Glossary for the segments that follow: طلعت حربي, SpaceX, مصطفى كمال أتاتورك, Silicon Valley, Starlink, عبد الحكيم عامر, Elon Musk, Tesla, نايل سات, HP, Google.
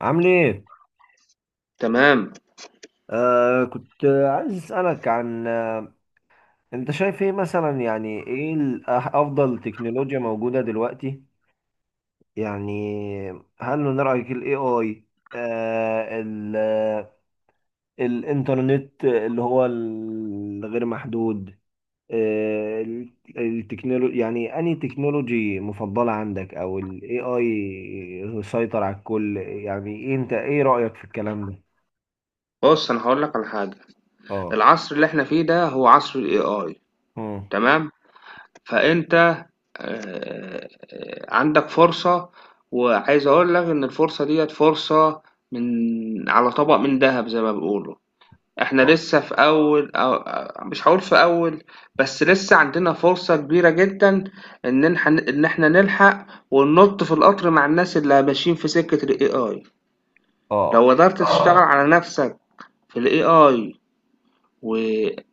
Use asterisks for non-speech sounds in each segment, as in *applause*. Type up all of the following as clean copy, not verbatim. عامل ايه؟ تمام. كنت عايز اسألك عن، انت شايف ايه مثلا؟ يعني ايه افضل تكنولوجيا موجودة دلوقتي؟ يعني هل من رأيك الاي اي، آه ال آه، الانترنت اللي هو الغير محدود، آه التكنولوجي؟ يعني انهي تكنولوجي مفضلة عندك او الاي اي سيطر على الكل؟ يعني إيه، انت ايه رأيك في الكلام ده؟ بُص، أنا هاقول لك على حاجة. اه. العصر اللي إحنا فيه ده هو عصر الAI. مم. تمام. فأنت آآ عندك فرصة. وعايز أقول لك إن الفرصة ديّة فرصة من على طبق من دهب زي ما بيقولوا. إحنا اه، لسه في أول مش هاقول في أول، بس لسه عندنا فرصة كبيرة جدًا إن نلح إن إحنا نلحق وننُط في القطر مع الناس اللي ماشيين في سكة الAI. اه، لو قدرت تشتغل على نَفْسك في الAI و...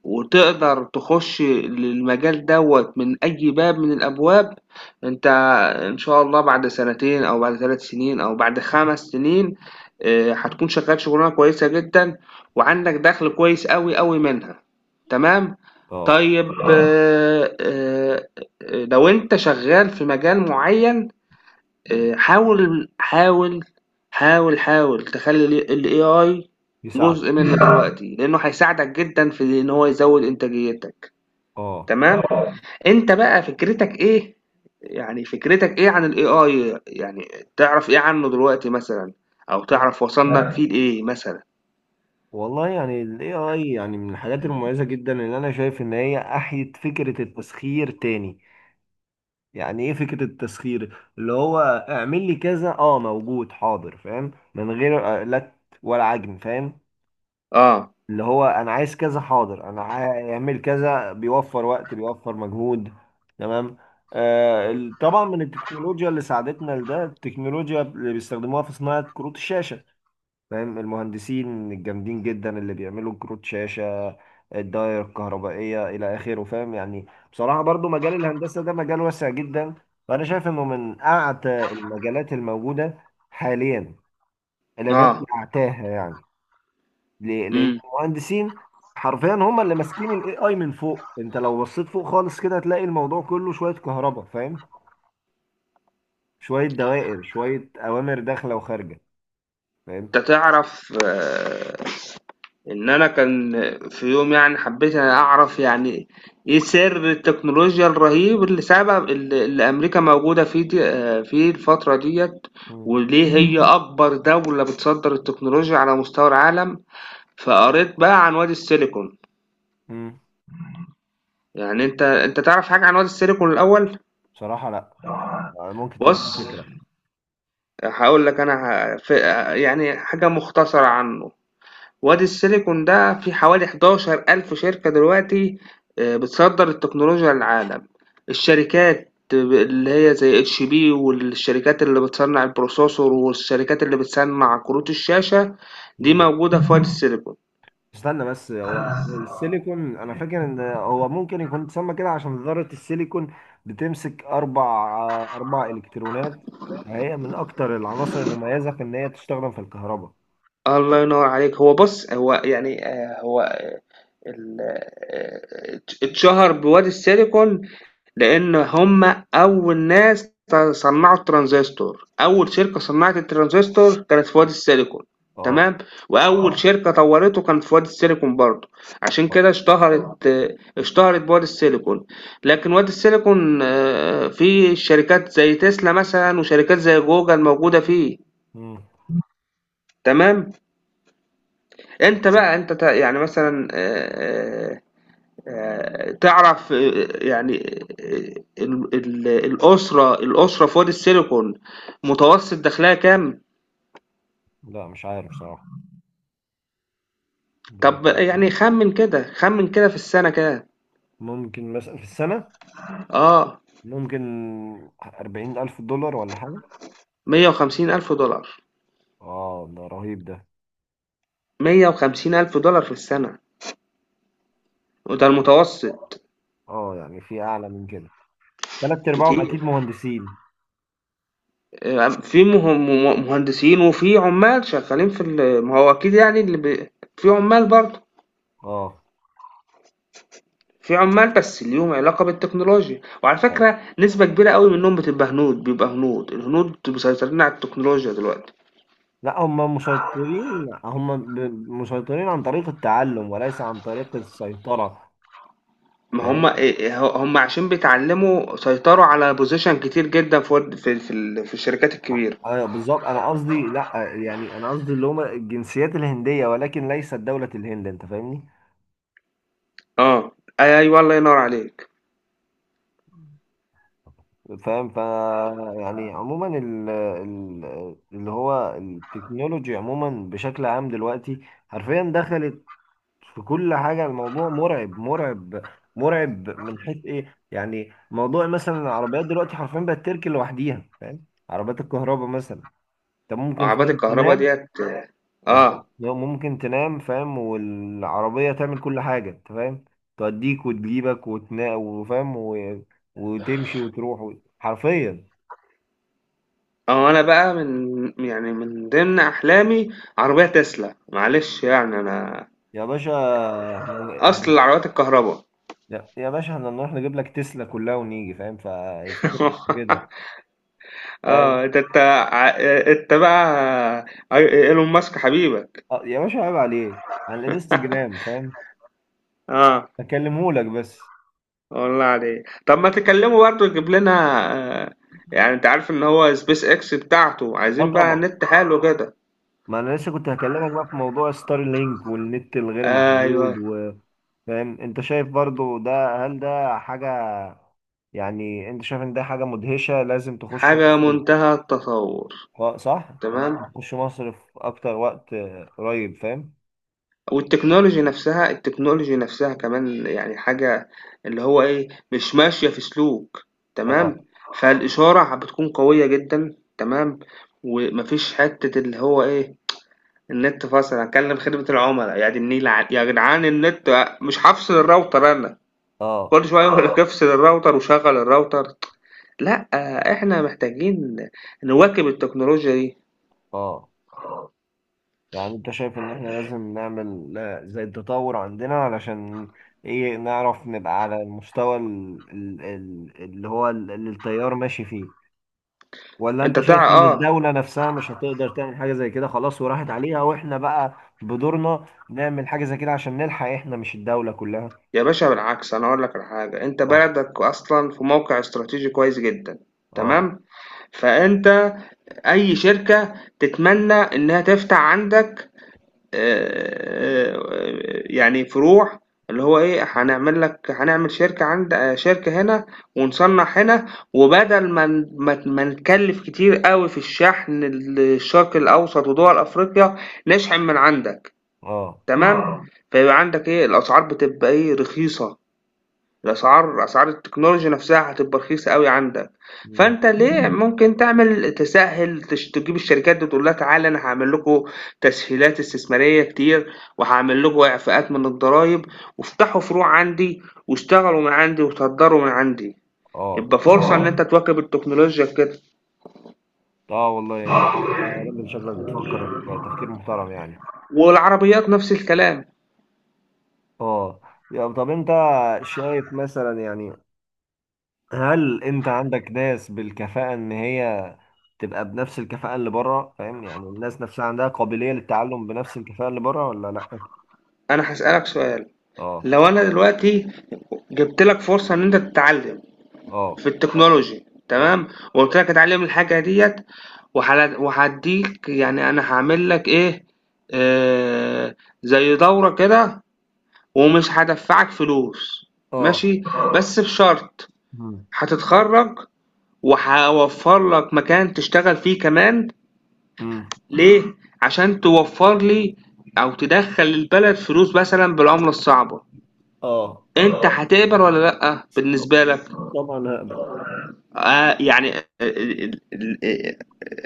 وتقدر تخش للمجال دوت من أي باب من الأبواب. أنت إن شاء الله بعد سنتين أو بعد 3 سنين أو بعد 5 سنين هتكون شغال شغلانة كويسة جدًا وعندك دخل كويس أوي، أوي منها. تمام؟ اه، طيب لو أنت شغال في مجال معين، آه، حاول حاول حاول تخلي ال AI يساعده، جزء منك دلوقتي لأنه هيساعدك جدا في إن هو يزود إنتاجيتك. اه. تمام. اه، أنت بقى فكرتك إيه؟ يعني فكرتك إيه عن ال AI؟ يعني تعرف إيه عنه دلوقتي مثلا؟ أو لا. تعرف وصلنا فيه انا لإيه مثلا؟ والله يعني ال AI يعني من الحاجات المميزة جدا اللي أنا شايف إن هي أحيت فكرة التسخير تاني. يعني إيه فكرة التسخير؟ اللي هو اعمل لي كذا، موجود حاضر، فاهم؟ من غير لت ولا عجن، فاهم؟ آه. اللي هو أنا عايز كذا، حاضر، اعمل كذا، بيوفر وقت بيوفر مجهود، تمام؟ طبعا من التكنولوجيا اللي ساعدتنا لده، التكنولوجيا اللي بيستخدموها في صناعة كروت الشاشة، فاهم؟ المهندسين الجامدين جدا اللي بيعملوا كروت شاشة، الداير الكهربائية إلى آخره، فاهم يعني. بصراحة برضو مجال الهندسة ده مجال واسع جدا، وأنا شايف إنه من أعتى المجالات الموجودة حاليا، إن لم يكن آه. أعتاها يعني. ليه؟ لأن مم. المهندسين حرفيا هم اللي ماسكين الاي اي من فوق. انت لو بصيت فوق خالص كده هتلاقي الموضوع كله شوية كهرباء، فاهم، شوية دوائر، شوية أوامر داخلة وخارجة، فاهم. أنت تعرف إن أنا كان في يوم، يعني حبّيت أنا أعرف يعني إيه سِر التكنولوجيا الرهيب اللي سبب اللي أمريكا موجودة فيه د فيه الفترة ديّة، مم. وليه هي أكبر دولة بتصدّر التكنولوجيا على مستوى العالم. فقريت بقى عن وادي السيليكون. مم. يعني أنت تعرف حاجة عن وادي السيليكون الأول؟ بصراحة لا. ممكن تديني بُص، فكرة. هاقول لك أنا ه ف يعني حاجة مختصرة عنّه. وادي السيليكون ده في حوالي 11,000 شركة دلوقتي، بتصدر التكنولوجيا للعالم. الشركات اللي هي زي اتش بي، والشركات اللي بتصنع البروسيسور، والشركات اللي بتصنع كروت الشاشة دي مم. موجودة في وادي السيليكون. استنى بس، هو السيليكون انا فاكر ان هو ممكن يكون اتسمى كده عشان ذرة السيليكون بتمسك اربع، الكترونات. هي من اكتر العناصر المميزة في ان هي تستخدم في الكهرباء. الله ينور عليك. هو بص، هو يعني هو اتشهر بوادي السيليكون لأن هم أول ناس صنعوا الترانزستور. أول شركة صنعت الترانزستور كانت في وادي السيليكون. اه. تمام. وأول شركة طورته كانت في وادي السيليكون برضه. عشان اه. كده اشتهرت بوادي السيليكون. لكن وادي السيليكون فيه شركات زي تسلا مثلا، وشركات زي جوجل موجودة فيه. مم. تمام. انت بقى انت تع- يعني مثلا، تعرف، يعني الأسرة في وادي السيليكون متوسط دخلها كام؟ لا مش عارف صراحة. طب يعني خمن كده، خمن كده، في السنة كده. ممكن مثلا في السنة، اه. ممكن 40,000 دولار ولا حاجة. مية وخمسين ألف دولار. اه ده رهيب ده. 150 ألف دولار في السنة، وده اه. المتوسط. يعني في أعلى من كده، تلات أرباعهم كتير. أكيد مهندسين. في مهندسين، وفي عمال شغالين ما هو أكيد يعني في عمال برضه. اه. في عمال بس ليهم علاقة بالتكنولوجيا، وعلى آه. فكرة نسبة كبيرة أوي منهم بتبقى هنود، بيبقى هنود، الهنود مسيطرين على التكنولوجيا دلوقتي. لا هم مسيطرين، مسيطرين عن طريق التعلم وليس عن طريق السيطرة، ما هم فاهم. عشان بيتعلموا سيطروا على position كتير جدًا في ورد في في ال في الشركات الكبيرة. ايوه بالظبط، انا قصدي لا، يعني انا قصدي اللي هم الجنسيات الهندية ولكن ليست دولة الهند، انت فاهمني؟ آه، أيوه، الله ينور عليك. فاهم. يعني عموما، اللي هو التكنولوجي عموما بشكل عام دلوقتي حرفيا دخلت في كل حاجة. الموضوع مرعب مرعب مرعب، من حيث ايه؟ يعني موضوع مثلا العربيات دلوقتي حرفيا بقت تركن لوحديها، فاهم؟ عربيات الكهرباء مثلا. انت ممكن عربات فاهم الكهربا تنام ديّة أنت آه، ممكن تنام، فاهم، والعربية تعمل كل حاجة، انت فاهم، توديك وتجيبك وتنا وفاهم، وتمشي وتروح حرفيا. أنا بقى من ضمن أحلامي عربية تسلا، معلش يعني أنا يا باشا، احنا يعني، أصل فاهم؟ العربيات الكهربا. يا باشا احنا نروح نجيب لك تسلا كلها ونيجي، فاهم؟ فالفكرة مش في كده. *laughs* ده أنت بقى إيلون ماسك حبيبك. اه يا باشا عيب عليه، على الانستجرام فاهم، آه هكلمهولك بس. والله عليك، طب ما تكلمه برضه يجيب لنا. آه يعني أنت عارف إن هو سبيس إكس بتاعته اه عايزين بقى طبعا، نت حلو كده؟ ما انا لسه كنت هكلمك بقى في موضوع ستار لينك والنت الغير محدود أيوه، وفاهم. انت شايف برضو ده، هل ده حاجة؟ يعني انت شايف ان ده حاجة مدهشة لازم تخش حاجة مصر؟ منتهى التطور. اه صح، تمام. لازم تخش مصر في اكتر وقت، قريب، فاهم. والتكنولوجي نفسها، التكنولوجي نفسها كمان، يعني حاجة اللي هو إيه مش ماشية في سلوك. اه. تمام. فالإشارة بتكون قوية جدا. تمام. ومفيش حتة اللي هو إيه، النت فصل. هكلم خدمة العملاء، يا دي النيل، يا جدعان، النت مش هفصل الراوتر انا. اه. كل شوية يقول لك اه افصل الراوتر وشغل الراوتر. لا، احنا محتاجين نواكب التكنولوجيا دي. اه. يعني انت شايف ان احنا لازم نعمل، زي التطور عندنا علشان ايه نعرف نبقى على المستوى اللي هو اللي التيار ماشي فيه، ولا انت انت تع شايف ان اه، الدولة نفسها مش هتقدر تعمل حاجة زي كده، خلاص وراحت عليها، واحنا بقى بدورنا نعمل حاجة زي كده عشان نلحق احنا مش الدولة كلها؟ يا باشا، بالعكس، انا اقول لك على حاجة. انت اه. بلدك اصلا في موقع استراتيجي كويس جدا. اه. تمام. فانت اي شركة تتمنى انها تفتح عندك، آآ، يعني فروع، اللي هو إيه، هنعمل شركة هنا ونصنّع هنا، وبدل ما ن ما ت ما نكلّف كتير أوي في الشحن للشرق الأوسط ودول أفريقيا، نشحن من عندك. اه. تمام. فيبقى عندك إيه، الأسعار بتبقى إيه، رخيصة. أسعار التكنولوجيا نفسها هتبقى رخيصة أوي عندك. مم. فأنت ليه ممكن تعمل تسهّل تش تجيب الشركات دي تقول لها تعالَ، أنا هاعمل لكم تسهيلات استثمارية كتير، وهاعمل لكم إعفاءات من الضرايب، وافتحوا فروع عندي، واشتغلوا من عندي، وتهدروا من عندي. اه. يبقى فرصة إن أنت تواكب التكنولوجيا في كده. اه والله، يعني انت راجل شكلك بتفكر تفكير محترم يعني. والعربيات نفس الكلام. اه. يا طب انت شايف مثلا، يعني هل انت عندك ناس بالكفاءة ان هي تبقى بنفس الكفاءة اللي بره، فاهم؟ يعني الناس نفسها عندها قابلية للتعلم بنفس الكفاءة اللي بره ولا لا؟ أنا هاسألك سؤال. اه. لو أنا دلوقتي جِبت لك فرصة إن أنت تتعلم اه. في التكنولوجي، اه. تمام، وقلت لك اتعلم الحاجه ديت وهديك، يعني انا هعمل لك ايه، آه زي دورة كده، ومش هدفعك فلوس، اه. ماشي، بس بشرط مم. هتتخرج وهوفر لك مكان تشتغل فيه كمان، مم. ليه؟ عشان توفر لي او تدخل البلد فلوس مثلا بالعملة الصعبة. اه. انت هتقبل ولا لا طب- بالنسبة لك؟ طبعا هقبل. يعني ال- ال- ال-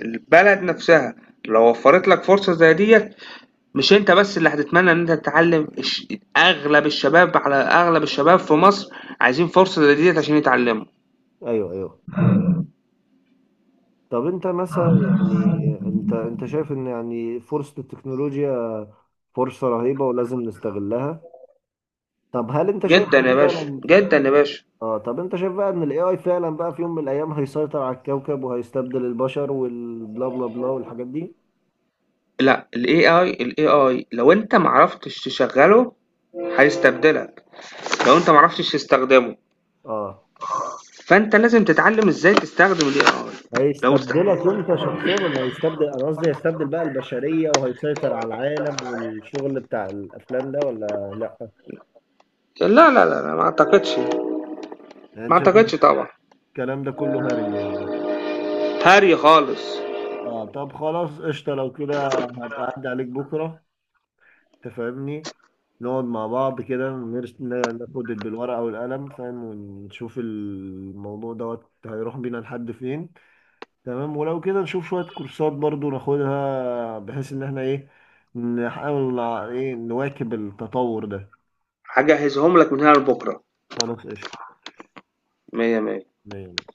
البلد نفسها لو وفرت لك فرصة زي ديت، مش انت بس اللي هتتمنى ان انت تتعلم اغلب الشباب في مصر عايزين فرصة زي ديت عشان يتعلموا. ايوه، ايوه، طب انت مثلا يعني، انت شايف ان يعني فرصة التكنولوجيا فرصة رهيبة ولازم نستغلها؟ طب هل انت شايف جدا إن يا باشا، فعلا، جدا يا باشا. اه طب انت شايف بقى ان الاي اي فعلا بقى في يوم من الايام هيسيطر على الكوكب وهيستبدل البشر والبلا بلا بلا والحاجات دي؟ لا، الاي اي لو انت معرفتش تشغله هيستبدلك. لو انت معرفتش تستخدمه، اه. فانت لازم تتعلم ازاي تستخدم الاي اي. لو است... هيستبدلك انت شخصيا ولا هيستبدل، انا قصدي هيستبدل بقى البشرية وهيسيطر على العالم والشغل بتاع الافلام ده، ولا لا؟ لا، لا، لا، لا، ما اعتقدش. يعني انت ما شايف إن اعتقدش طبعا. الكلام ده كله هري يعني؟ هاري خالص. اه. طب خلاص قشطة، لو كده هبقى اعدي عليك بكرة، تفهمني، نقعد مع بعض كده ناخد بالورقة والقلم، فاهم، ونشوف الموضوع دوت هيروح بينا لحد فين، تمام؟ ولو كده نشوف شوية كورسات برضو ناخدها، بحيث ان احنا ايه، نحاول ايه نواكب التطور ده. هجهزهم لك من هنا لبكره. خلاص قشطة، مية مية. يعني